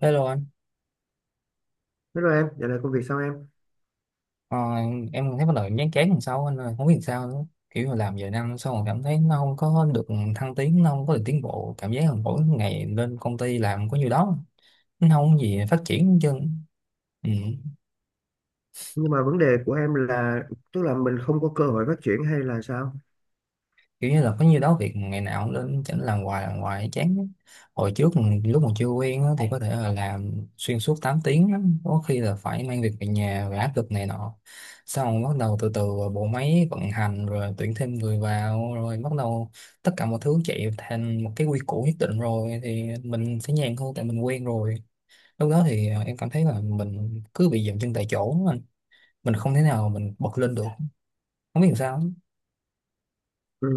Hello anh. Hello em, dạo này công việc sao em? ờ, em thấy bắt đầu em chán chán làm sao anh ơi, không biết làm sao nữa. Kiểu là làm vài năm xong rồi cảm thấy nó không có được thăng tiến, nó không có được tiến bộ. Cảm giác là mỗi ngày lên công ty làm có nhiêu đó, nó không có gì phát triển hết trơn. Ừ. Nhưng mà vấn đề của em là tức là mình không có cơ hội phát triển hay là sao? Kiểu như là có nhiêu đó việc ngày nào cũng lên chỉnh làm hoài chán lắm. Hồi trước lúc mà chưa quen á, thì có thể là làm xuyên suốt 8 tiếng á. Có khi là phải mang việc về nhà và áp lực này nọ, xong bắt đầu từ từ bộ máy vận hành rồi tuyển thêm người vào rồi bắt đầu tất cả mọi thứ chạy thành một cái quy củ nhất định, rồi thì mình sẽ nhàn hơn tại mình quen rồi. Lúc đó thì em cảm thấy là mình cứ bị dậm chân tại chỗ á anh. Mình không thể nào mình bật lên được, không biết làm sao á. Ừ.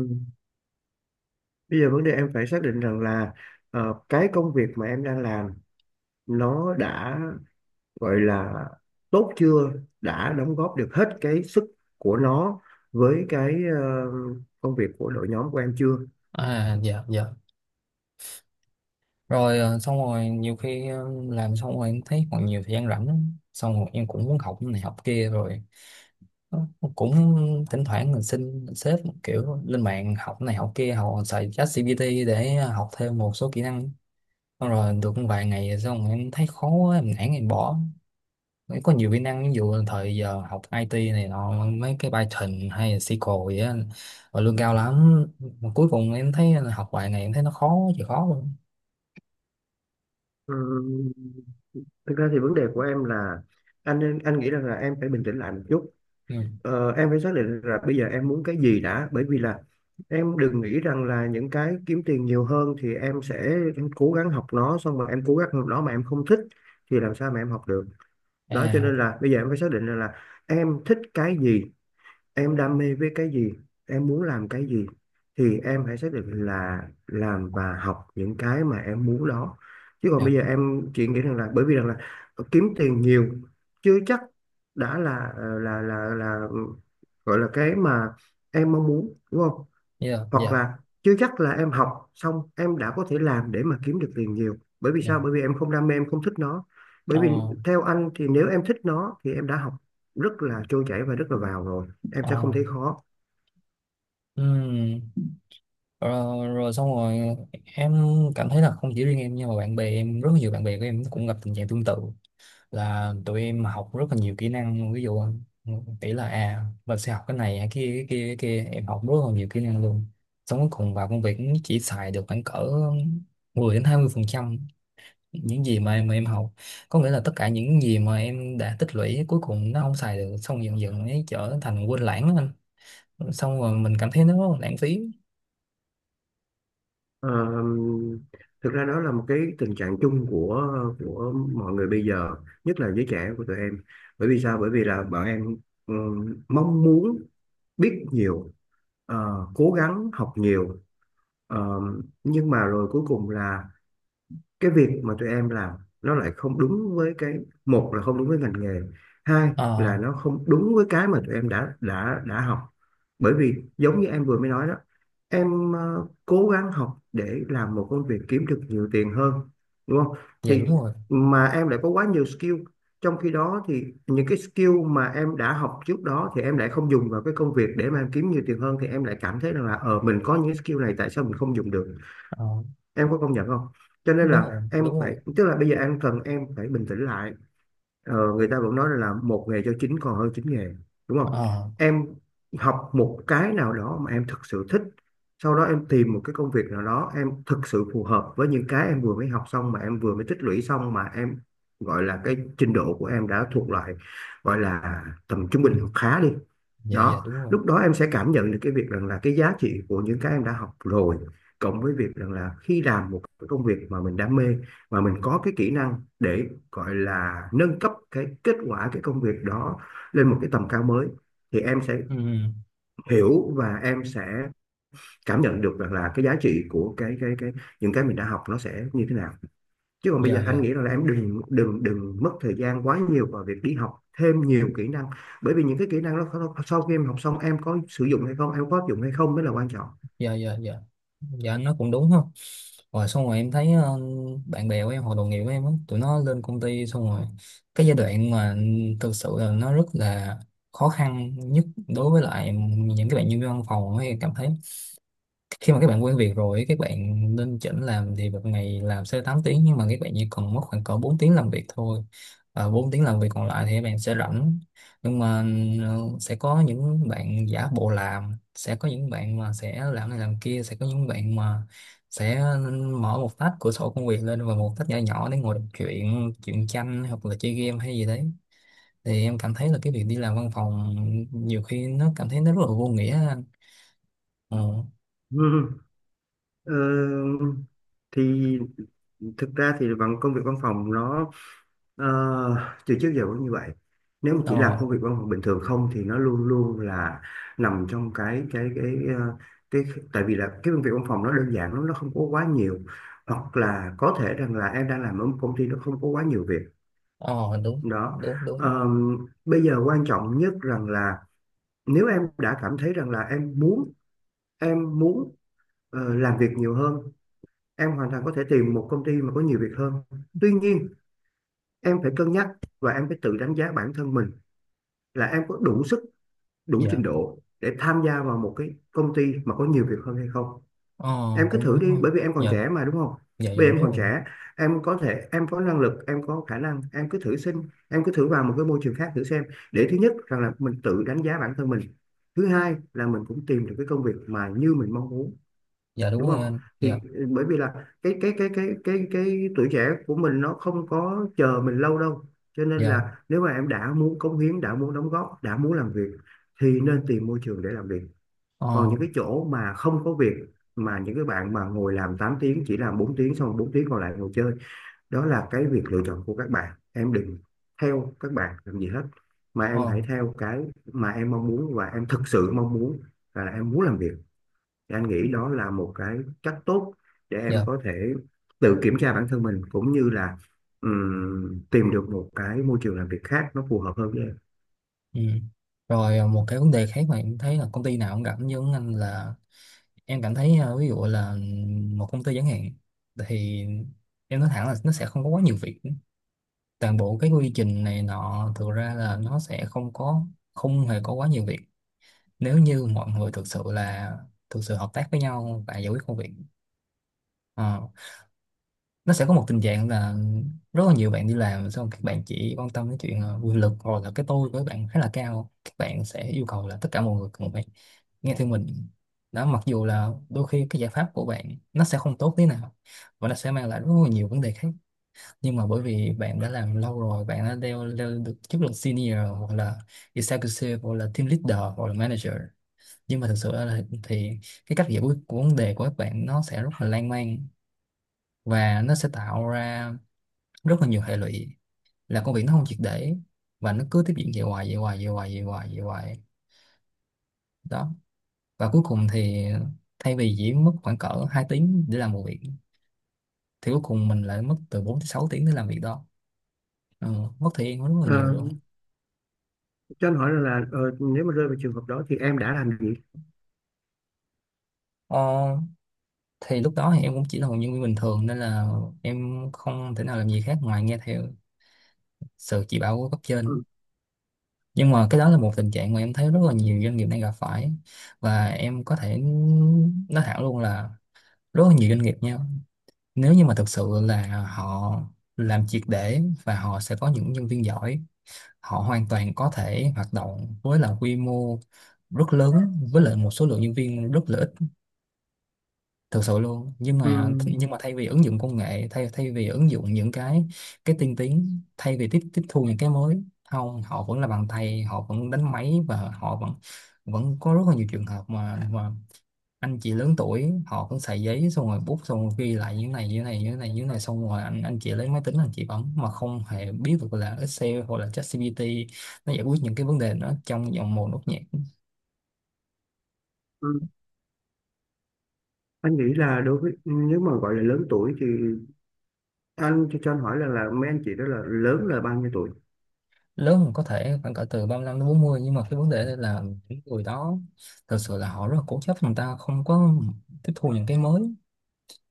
Bây giờ vấn đề em phải xác định rằng là cái công việc mà em đang làm nó đã gọi là tốt chưa, đã đóng góp được hết cái sức của nó với cái công việc của đội nhóm của em chưa? À, dạ dạ. Rồi, xong rồi nhiều khi, làm xong rồi em thấy còn nhiều thời gian rảnh lắm. Xong rồi em cũng muốn học này học kia rồi, ờ, cũng thỉnh thoảng mình xin sếp kiểu lên mạng học này học kia, học xài ChatGPT để học thêm một số kỹ năng. Xong rồi được vài ngày rồi xong rồi em thấy khó quá, em nản em bỏ. Em có nhiều kỹ năng, ví dụ là thời giờ học IT này nọ, mấy cái Python hay là SQL vậy á, và lương cao lắm, mà cuối cùng em thấy là học vài ngày em thấy nó khó chịu, khó luôn. Ừ. Thực ra thì vấn đề của em là anh nghĩ rằng là em phải bình tĩnh lại một chút. Ừ. Ờ, em phải xác định là bây giờ em muốn cái gì đã, bởi vì là em đừng nghĩ rằng là những cái kiếm tiền nhiều hơn thì em sẽ em cố gắng học nó, xong rồi em cố gắng học nó mà em không thích thì làm sao mà em học được. Đó cho À. nên là bây giờ em phải xác định rằng là em thích cái gì, em đam mê với cái gì, em muốn làm cái gì, thì em hãy xác định là làm và học những cái mà em muốn đó. Chứ còn Dạ. bây giờ em chỉ nghĩ rằng là bởi vì rằng là kiếm tiền nhiều chưa chắc đã là gọi là cái mà em mong muốn, đúng không? Dạ Hoặc dạ là chưa chắc là em học xong em đã có thể làm để mà kiếm được tiền nhiều, bởi vì dạ. sao, bởi vì em không đam mê, em không thích nó. Bởi vì ờ theo anh thì nếu em thích nó thì em đã học rất là trôi chảy và rất là vào rồi, em sẽ không ờ thấy khó. ừm. Rồi, rồi xong rồi em cảm thấy là không chỉ riêng em, nhưng mà bạn bè em, rất nhiều bạn bè của em cũng gặp tình trạng tương tự, là tụi em học rất là nhiều kỹ năng. Ví dụ tỷ là mình sẽ học cái này cái kia cái kia, em học rất là nhiều kỹ năng luôn, xong cuối cùng vào công việc cũng chỉ xài được khoảng cỡ 10 đến 20% những gì mà em học. Có nghĩa là tất cả những gì mà em đã tích lũy cuối cùng nó không xài được, xong dần dần ấy trở thành quên lãng á anh. Xong rồi mình cảm thấy nó rất là lãng phí. Ờ, thực ra đó là một cái tình trạng chung của mọi người bây giờ, nhất là giới trẻ của tụi em. Bởi vì sao, bởi vì là bọn em mong muốn biết nhiều, cố gắng học nhiều. Ờ, nhưng mà rồi cuối cùng là cái việc mà tụi em làm nó lại không đúng với cái, một là không đúng với ngành nghề, hai là ờ nó không đúng với cái mà tụi em đã học. Bởi vì giống như em vừa mới nói đó, em cố gắng học để làm một công việc kiếm được nhiều tiền hơn, đúng không? dạ Thì đúng rồi. mà em lại có quá nhiều skill, trong khi đó thì những cái skill mà em đã học trước đó thì em lại không dùng vào cái công việc để mà em kiếm nhiều tiền hơn, thì em lại cảm thấy rằng là ờ mình có những skill này tại sao mình không dùng được, ờ, em có công nhận không? Cho nên Đúng rồi, là em đúng rồi. phải, tức là bây giờ em cần em phải bình tĩnh lại. Ờ, người ta vẫn nói là một nghề cho chín còn hơn chín nghề, đúng không? ờ Em học một cái nào đó mà em thực sự thích, sau đó em tìm một cái công việc nào đó em thực sự phù hợp với những cái em vừa mới học xong mà em vừa mới tích lũy xong, mà em gọi là cái trình độ của em đã thuộc loại gọi là tầm trung ừ, bình hoặc khá đi. dạ dạ Đó, đúng rồi. lúc đó em sẽ cảm nhận được cái việc rằng là cái giá trị của những cái em đã học rồi, cộng với việc rằng là khi làm một cái công việc mà mình đam mê, mà mình có cái kỹ năng để gọi là nâng cấp cái kết quả cái công việc đó lên một cái tầm cao mới, thì em sẽ Ừ, ừ, hiểu và em sẽ cảm nhận được rằng là cái giá trị của cái những cái mình đã học nó sẽ như thế nào. Chứ còn bây giờ dạ dạ anh nghĩ rằng là em đừng đừng đừng mất thời gian quá nhiều vào việc đi học thêm nhiều kỹ năng, bởi vì những cái kỹ năng đó sau khi em học xong em có sử dụng hay không, em có áp dụng hay không mới là quan dạ dạ. Dạ dạ. Nó cũng đúng không. Rồi xong rồi em thấy, bạn bè của em hoặc đồng nghiệp của em á, tụi nó lên công ty xong rồi cái giai đoạn mà thực sự là nó rất là khó khăn nhất đối với lại những cái bạn nhân viên văn phòng ấy, em cảm thấy khi mà các bạn quen việc rồi ấy, các bạn nên chỉnh làm thì một ngày làm sẽ 8 tiếng, nhưng mà các bạn chỉ cần mất khoảng cỡ 4 tiếng làm việc thôi. À, 4 tiếng làm việc còn lại thì các bạn sẽ rảnh. Nhưng mà, ừ, sẽ có những bạn giả bộ làm, sẽ có những bạn mà sẽ làm này làm kia, sẽ có những bạn mà sẽ mở một tách cửa sổ công việc lên và một tách nhỏ nhỏ để ngồi đọc chuyện chuyện tranh hoặc là chơi game hay gì đấy. Thì em cảm thấy là cái việc đi làm văn phòng nhiều khi nó cảm thấy nó rất là vô nghĩa anh. ờ trọng. Ờ, thì thực ra thì bằng công việc văn phòng nó ờ, từ trước giờ cũng như vậy. Nếu mà ờ chỉ làm công việc văn phòng bình thường không thì nó luôn luôn là nằm trong cái tại vì là cái công việc văn phòng nó đơn giản lắm, nó không có quá nhiều, hoặc là có thể rằng là em đang làm ở một công ty nó không có quá nhiều việc. ờ Đúng Đó. đúng đúng. Ờ, bây giờ quan trọng nhất rằng là nếu em đã cảm thấy rằng là em muốn làm việc nhiều hơn, em hoàn toàn có thể tìm một công ty mà có nhiều việc hơn. Tuy nhiên em phải cân nhắc và em phải tự đánh giá bản thân mình, là em có đủ sức, đủ trình Dạ. độ để tham gia vào một cái công ty mà có nhiều việc hơn hay không. ờ Em cứ Cũng thử đúng đi, không. bởi vì em còn Dạ trẻ mà, đúng không? dạ dạ Bây vì đúng em còn rồi. trẻ, em có thể, em có năng lực, em có khả năng, em cứ thử xin, em cứ thử vào một cái môi trường khác thử xem, để thứ nhất rằng là mình tự đánh giá bản thân mình, thứ hai là mình cũng tìm được cái công việc mà như mình mong muốn, Dạ đúng đúng rồi không? anh. Thì Dạ ừ, bởi vì là cái tuổi trẻ của mình nó không có chờ mình lâu đâu, cho nên dạ. là nếu mà em đã muốn cống hiến, đã muốn đóng góp, đã muốn làm việc thì nên tìm môi trường để làm việc. Còn ờ những cái chỗ mà không có việc, mà những cái bạn mà ngồi làm 8 tiếng chỉ làm 4 tiếng, xong 4 tiếng còn lại ngồi chơi, đó là cái việc lựa chọn của các bạn, em đừng theo các bạn làm gì hết, mà em hãy ờ theo cái mà em mong muốn và em thực sự mong muốn là em muốn làm việc, thì anh nghĩ đó là một cái cách tốt để em dạ. có thể tự kiểm tra bản thân mình, cũng như là tìm được một cái môi trường làm việc khác nó phù hợp hơn với em. Ừ. Rồi một cái vấn đề khác mà em thấy là công ty nào cũng gặp như anh là em cảm thấy, ví dụ là một công ty chẳng hạn thì em nói thẳng là nó sẽ không có quá nhiều việc. Toàn bộ cái quy trình này nọ thực ra là nó sẽ không có, không hề có quá nhiều việc, nếu như mọi người thực sự là thực sự hợp tác với nhau và giải quyết công việc. ờ, nó sẽ có một tình trạng là rất là nhiều bạn đi làm xong các bạn chỉ quan tâm đến chuyện, quyền lực, hoặc là cái tôi của các bạn khá là cao, các bạn sẽ yêu cầu là tất cả mọi người cùng phải nghe theo mình. Đó, mặc dù là đôi khi cái giải pháp của bạn nó sẽ không tốt thế nào, và nó sẽ mang lại rất là nhiều vấn đề khác. Nhưng mà bởi vì bạn đã làm lâu rồi, bạn đã leo leo được chức là senior hoặc là executive hoặc là team leader hoặc là manager, nhưng mà thực sự là thì cái cách giải quyết của vấn đề của các bạn nó sẽ rất là lan man, và nó sẽ tạo ra rất là nhiều hệ lụy, là công việc nó không triệt để, và nó cứ tiếp diễn vậy hoài vậy hoài vậy hoài vậy hoài vậy hoài. Đó, và cuối cùng thì thay vì chỉ mất khoảng cỡ 2 tiếng để làm một việc, thì cuối cùng mình lại mất từ 4 tới 6 tiếng để làm việc đó. Ừ, mất thời gian rất là Ờ, nhiều luôn. cho anh hỏi là, là nếu mà rơi vào trường hợp đó thì em đã làm gì? ờ, thì lúc đó thì em cũng chỉ là một nhân viên bình thường, nên là em không thể nào làm gì khác ngoài nghe theo sự chỉ bảo của cấp trên. Ừ, Nhưng mà cái đó là một tình trạng mà em thấy rất là nhiều doanh nghiệp đang gặp phải, và em có thể nói thẳng luôn là rất là nhiều doanh nghiệp nha. Nếu như mà thực sự là họ làm triệt để và họ sẽ có những nhân viên giỏi, họ hoàn toàn có thể hoạt động với là quy mô rất lớn với lại một số lượng nhân viên rất là ít, thực sự luôn. Nhưng ừ, mà, nhưng mà thay vì ứng dụng công nghệ, thay thay vì ứng dụng những cái tiên tiến, thay vì tiếp tiếp thu những cái mới, không, họ vẫn là bằng tay, họ vẫn đánh máy, và họ vẫn, vẫn có rất là nhiều trường hợp mà anh chị lớn tuổi họ cũng xài giấy xong rồi bút xong rồi ghi lại như này như này như này như này, xong rồi anh chị lấy máy tính anh chị bấm mà không hề biết được là Excel hoặc là ChatGPT nó giải quyết những cái vấn đề đó trong vòng một nốt nhạc. ừ. Anh nghĩ là đối với nếu mà gọi là lớn tuổi thì anh cho anh hỏi là mấy anh chị đó là lớn là bao nhiêu tuổi? Lớn hơn có thể khoảng cỡ từ 35 đến 40, nhưng mà cái vấn đề đây là những người đó thực sự là họ rất là cố chấp, người ta không có tiếp thu những cái mới,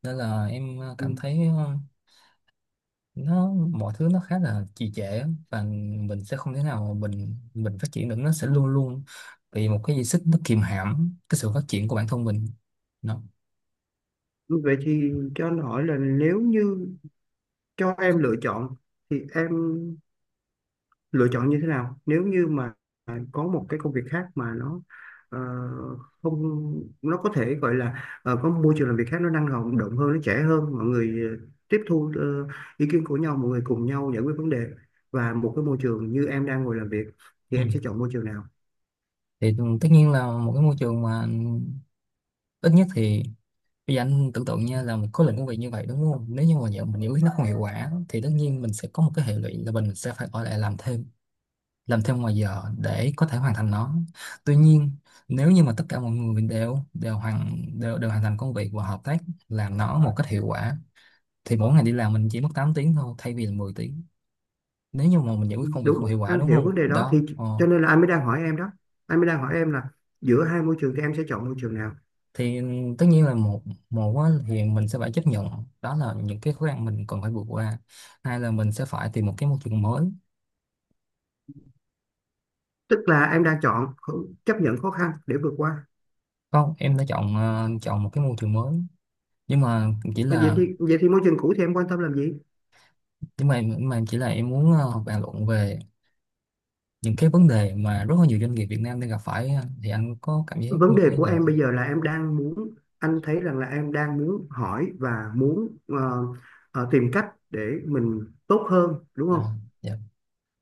nên là em, cảm Ừ. thấy, nó mọi thứ nó khá là trì trệ á, và mình sẽ không thể nào mà mình phát triển được, nó sẽ luôn luôn bị một cái gì xích nó kìm hãm cái sự phát triển của bản thân mình. Đó. Vậy thì cho anh hỏi là nếu như cho em lựa chọn thì em lựa chọn như thế nào, nếu như mà có một cái công việc khác mà nó ờ, không, nó có thể gọi là có môi trường làm việc khác nó năng động động hơn, nó trẻ hơn, mọi người tiếp thu ý kiến của nhau, mọi người cùng nhau giải quyết vấn đề, và một cái môi trường như em đang ngồi làm việc, thì Ừ. em sẽ chọn môi trường nào? Thì tất nhiên là một cái môi trường mà ít nhất thì bây giờ anh tưởng tượng nha là một khối lượng công việc như vậy, đúng không, nếu như mà giờ mình giải quyết nó không hiệu quả thì tất nhiên mình sẽ có một cái hệ lụy là mình sẽ phải ở lại làm thêm, làm thêm ngoài giờ để có thể hoàn thành nó. Tuy nhiên, nếu như mà tất cả mọi người đều đều hoàn thành công việc và hợp tác làm nó một cách hiệu quả, thì mỗi ngày đi làm mình chỉ mất 8 tiếng thôi, thay vì là 10 tiếng nếu như mà mình giải quyết công việc Đúng, không hiệu quả, anh đúng hiểu không. vấn đề đó, thì Đó. Ờ. cho nên là anh mới đang hỏi em đó, anh mới đang hỏi em là giữa hai môi trường thì em sẽ chọn môi trường nào. Thì tất nhiên là một, một á, thì mình sẽ phải chấp nhận, đó là những cái khó khăn mình cần phải vượt qua. Hai là mình sẽ phải tìm một cái môi trường mới. Tức là em đang chấp nhận khó khăn để vượt qua. Không, em đã chọn, chọn một cái môi trường mới, nhưng mà chỉ Vậy là, thì môi trường cũ thì em quan tâm làm gì? nhưng mà chỉ là em muốn, bàn luận về những cái vấn đề mà rất là nhiều doanh nghiệp Việt Nam đang gặp phải á, thì anh có cảm giác Vấn như thế đề của nào? em Không? bây giờ là em đang muốn anh thấy rằng là em đang muốn hỏi và muốn tìm cách để mình tốt hơn, đúng À, không? dạ.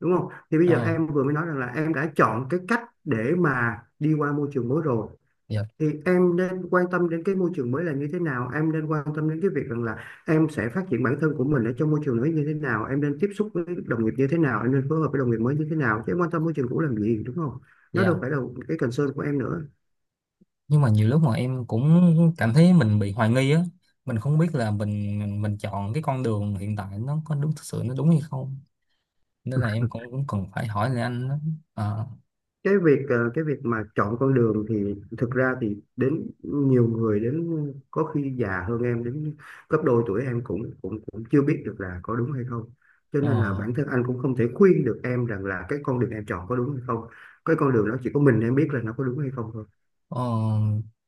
Đúng không? Thì bây giờ Ờ, em vừa mới nói rằng là em đã chọn cái cách để mà đi qua môi trường mới rồi, dạ, thì em nên quan tâm đến cái môi trường mới là như thế nào, em nên quan tâm đến cái việc rằng là em sẽ phát triển bản thân của mình ở trong môi trường mới như thế nào, em nên tiếp xúc với đồng nghiệp như thế nào, em nên phối hợp với đồng nghiệp mới như thế nào, chứ em quan tâm môi trường cũ làm gì, đúng không? Nó đâu dạ. phải là cái concern của em nữa. Nhưng mà nhiều lúc mà em cũng cảm thấy mình bị hoài nghi á, mình không biết là mình chọn cái con đường hiện tại nó có đúng, thực sự nó đúng hay không. Nên là em cũng cũng cần phải hỏi lại anh đó. À. Cái việc cái việc mà chọn con đường thì thực ra thì đến nhiều người, đến có khi già hơn em đến gấp đôi tuổi em cũng cũng cũng chưa biết được là có đúng hay không, cho nên là ờ, bản thân anh cũng không thể khuyên được em rằng là cái con đường em chọn có đúng hay không. Cái con đường đó chỉ có mình em biết là nó có đúng hay không thôi, ờ,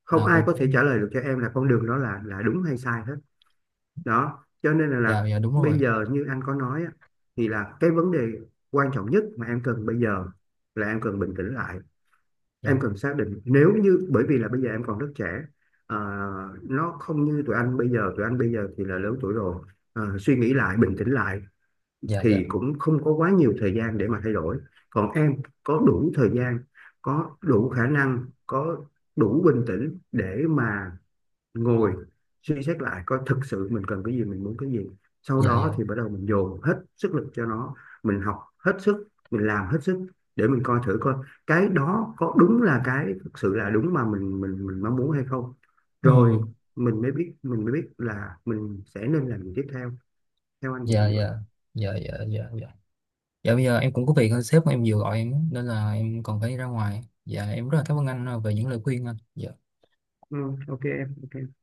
không là ai cũng có có thể đúng trả không? lời được cho em là con đường đó là đúng hay sai hết. Đó cho nên Dạ, là dạ đúng rồi. bây giờ như anh có nói á, thì là cái vấn đề quan trọng nhất mà em cần bây giờ là em cần bình tĩnh lại, em Dạ, cần xác định nếu như, bởi vì là bây giờ em còn rất trẻ. Ờ, nó không như tụi anh bây giờ, tụi anh bây giờ thì là lớn tuổi rồi. Ờ, suy nghĩ lại, bình tĩnh lại dạ, dạ, thì cũng không có quá nhiều thời gian để mà thay đổi. Còn em có đủ thời gian, có đủ khả năng, có đủ bình tĩnh để mà ngồi suy xét lại coi thực sự mình cần cái gì, mình muốn cái gì, sau dạ, đó dạ. thì bắt đầu mình dồn hết sức lực cho nó, mình học hết sức, mình làm hết sức, để mình coi thử coi cái đó có đúng là cái thực sự là đúng mà mình mong muốn hay không. Ừ, Rồi mình mới biết là mình sẽ nên làm gì tiếp theo. Theo anh thì là dạ, như vậy. dạ, dạ, dạ, dạ, dạ. Dạ bây giờ em cũng có việc hơn, sếp của em vừa gọi em á, nên là em còn phải ra ngoài. Dạ em rất là cảm ơn anh, về những lời khuyên anh. Dạ. Ừ, ok em, ok.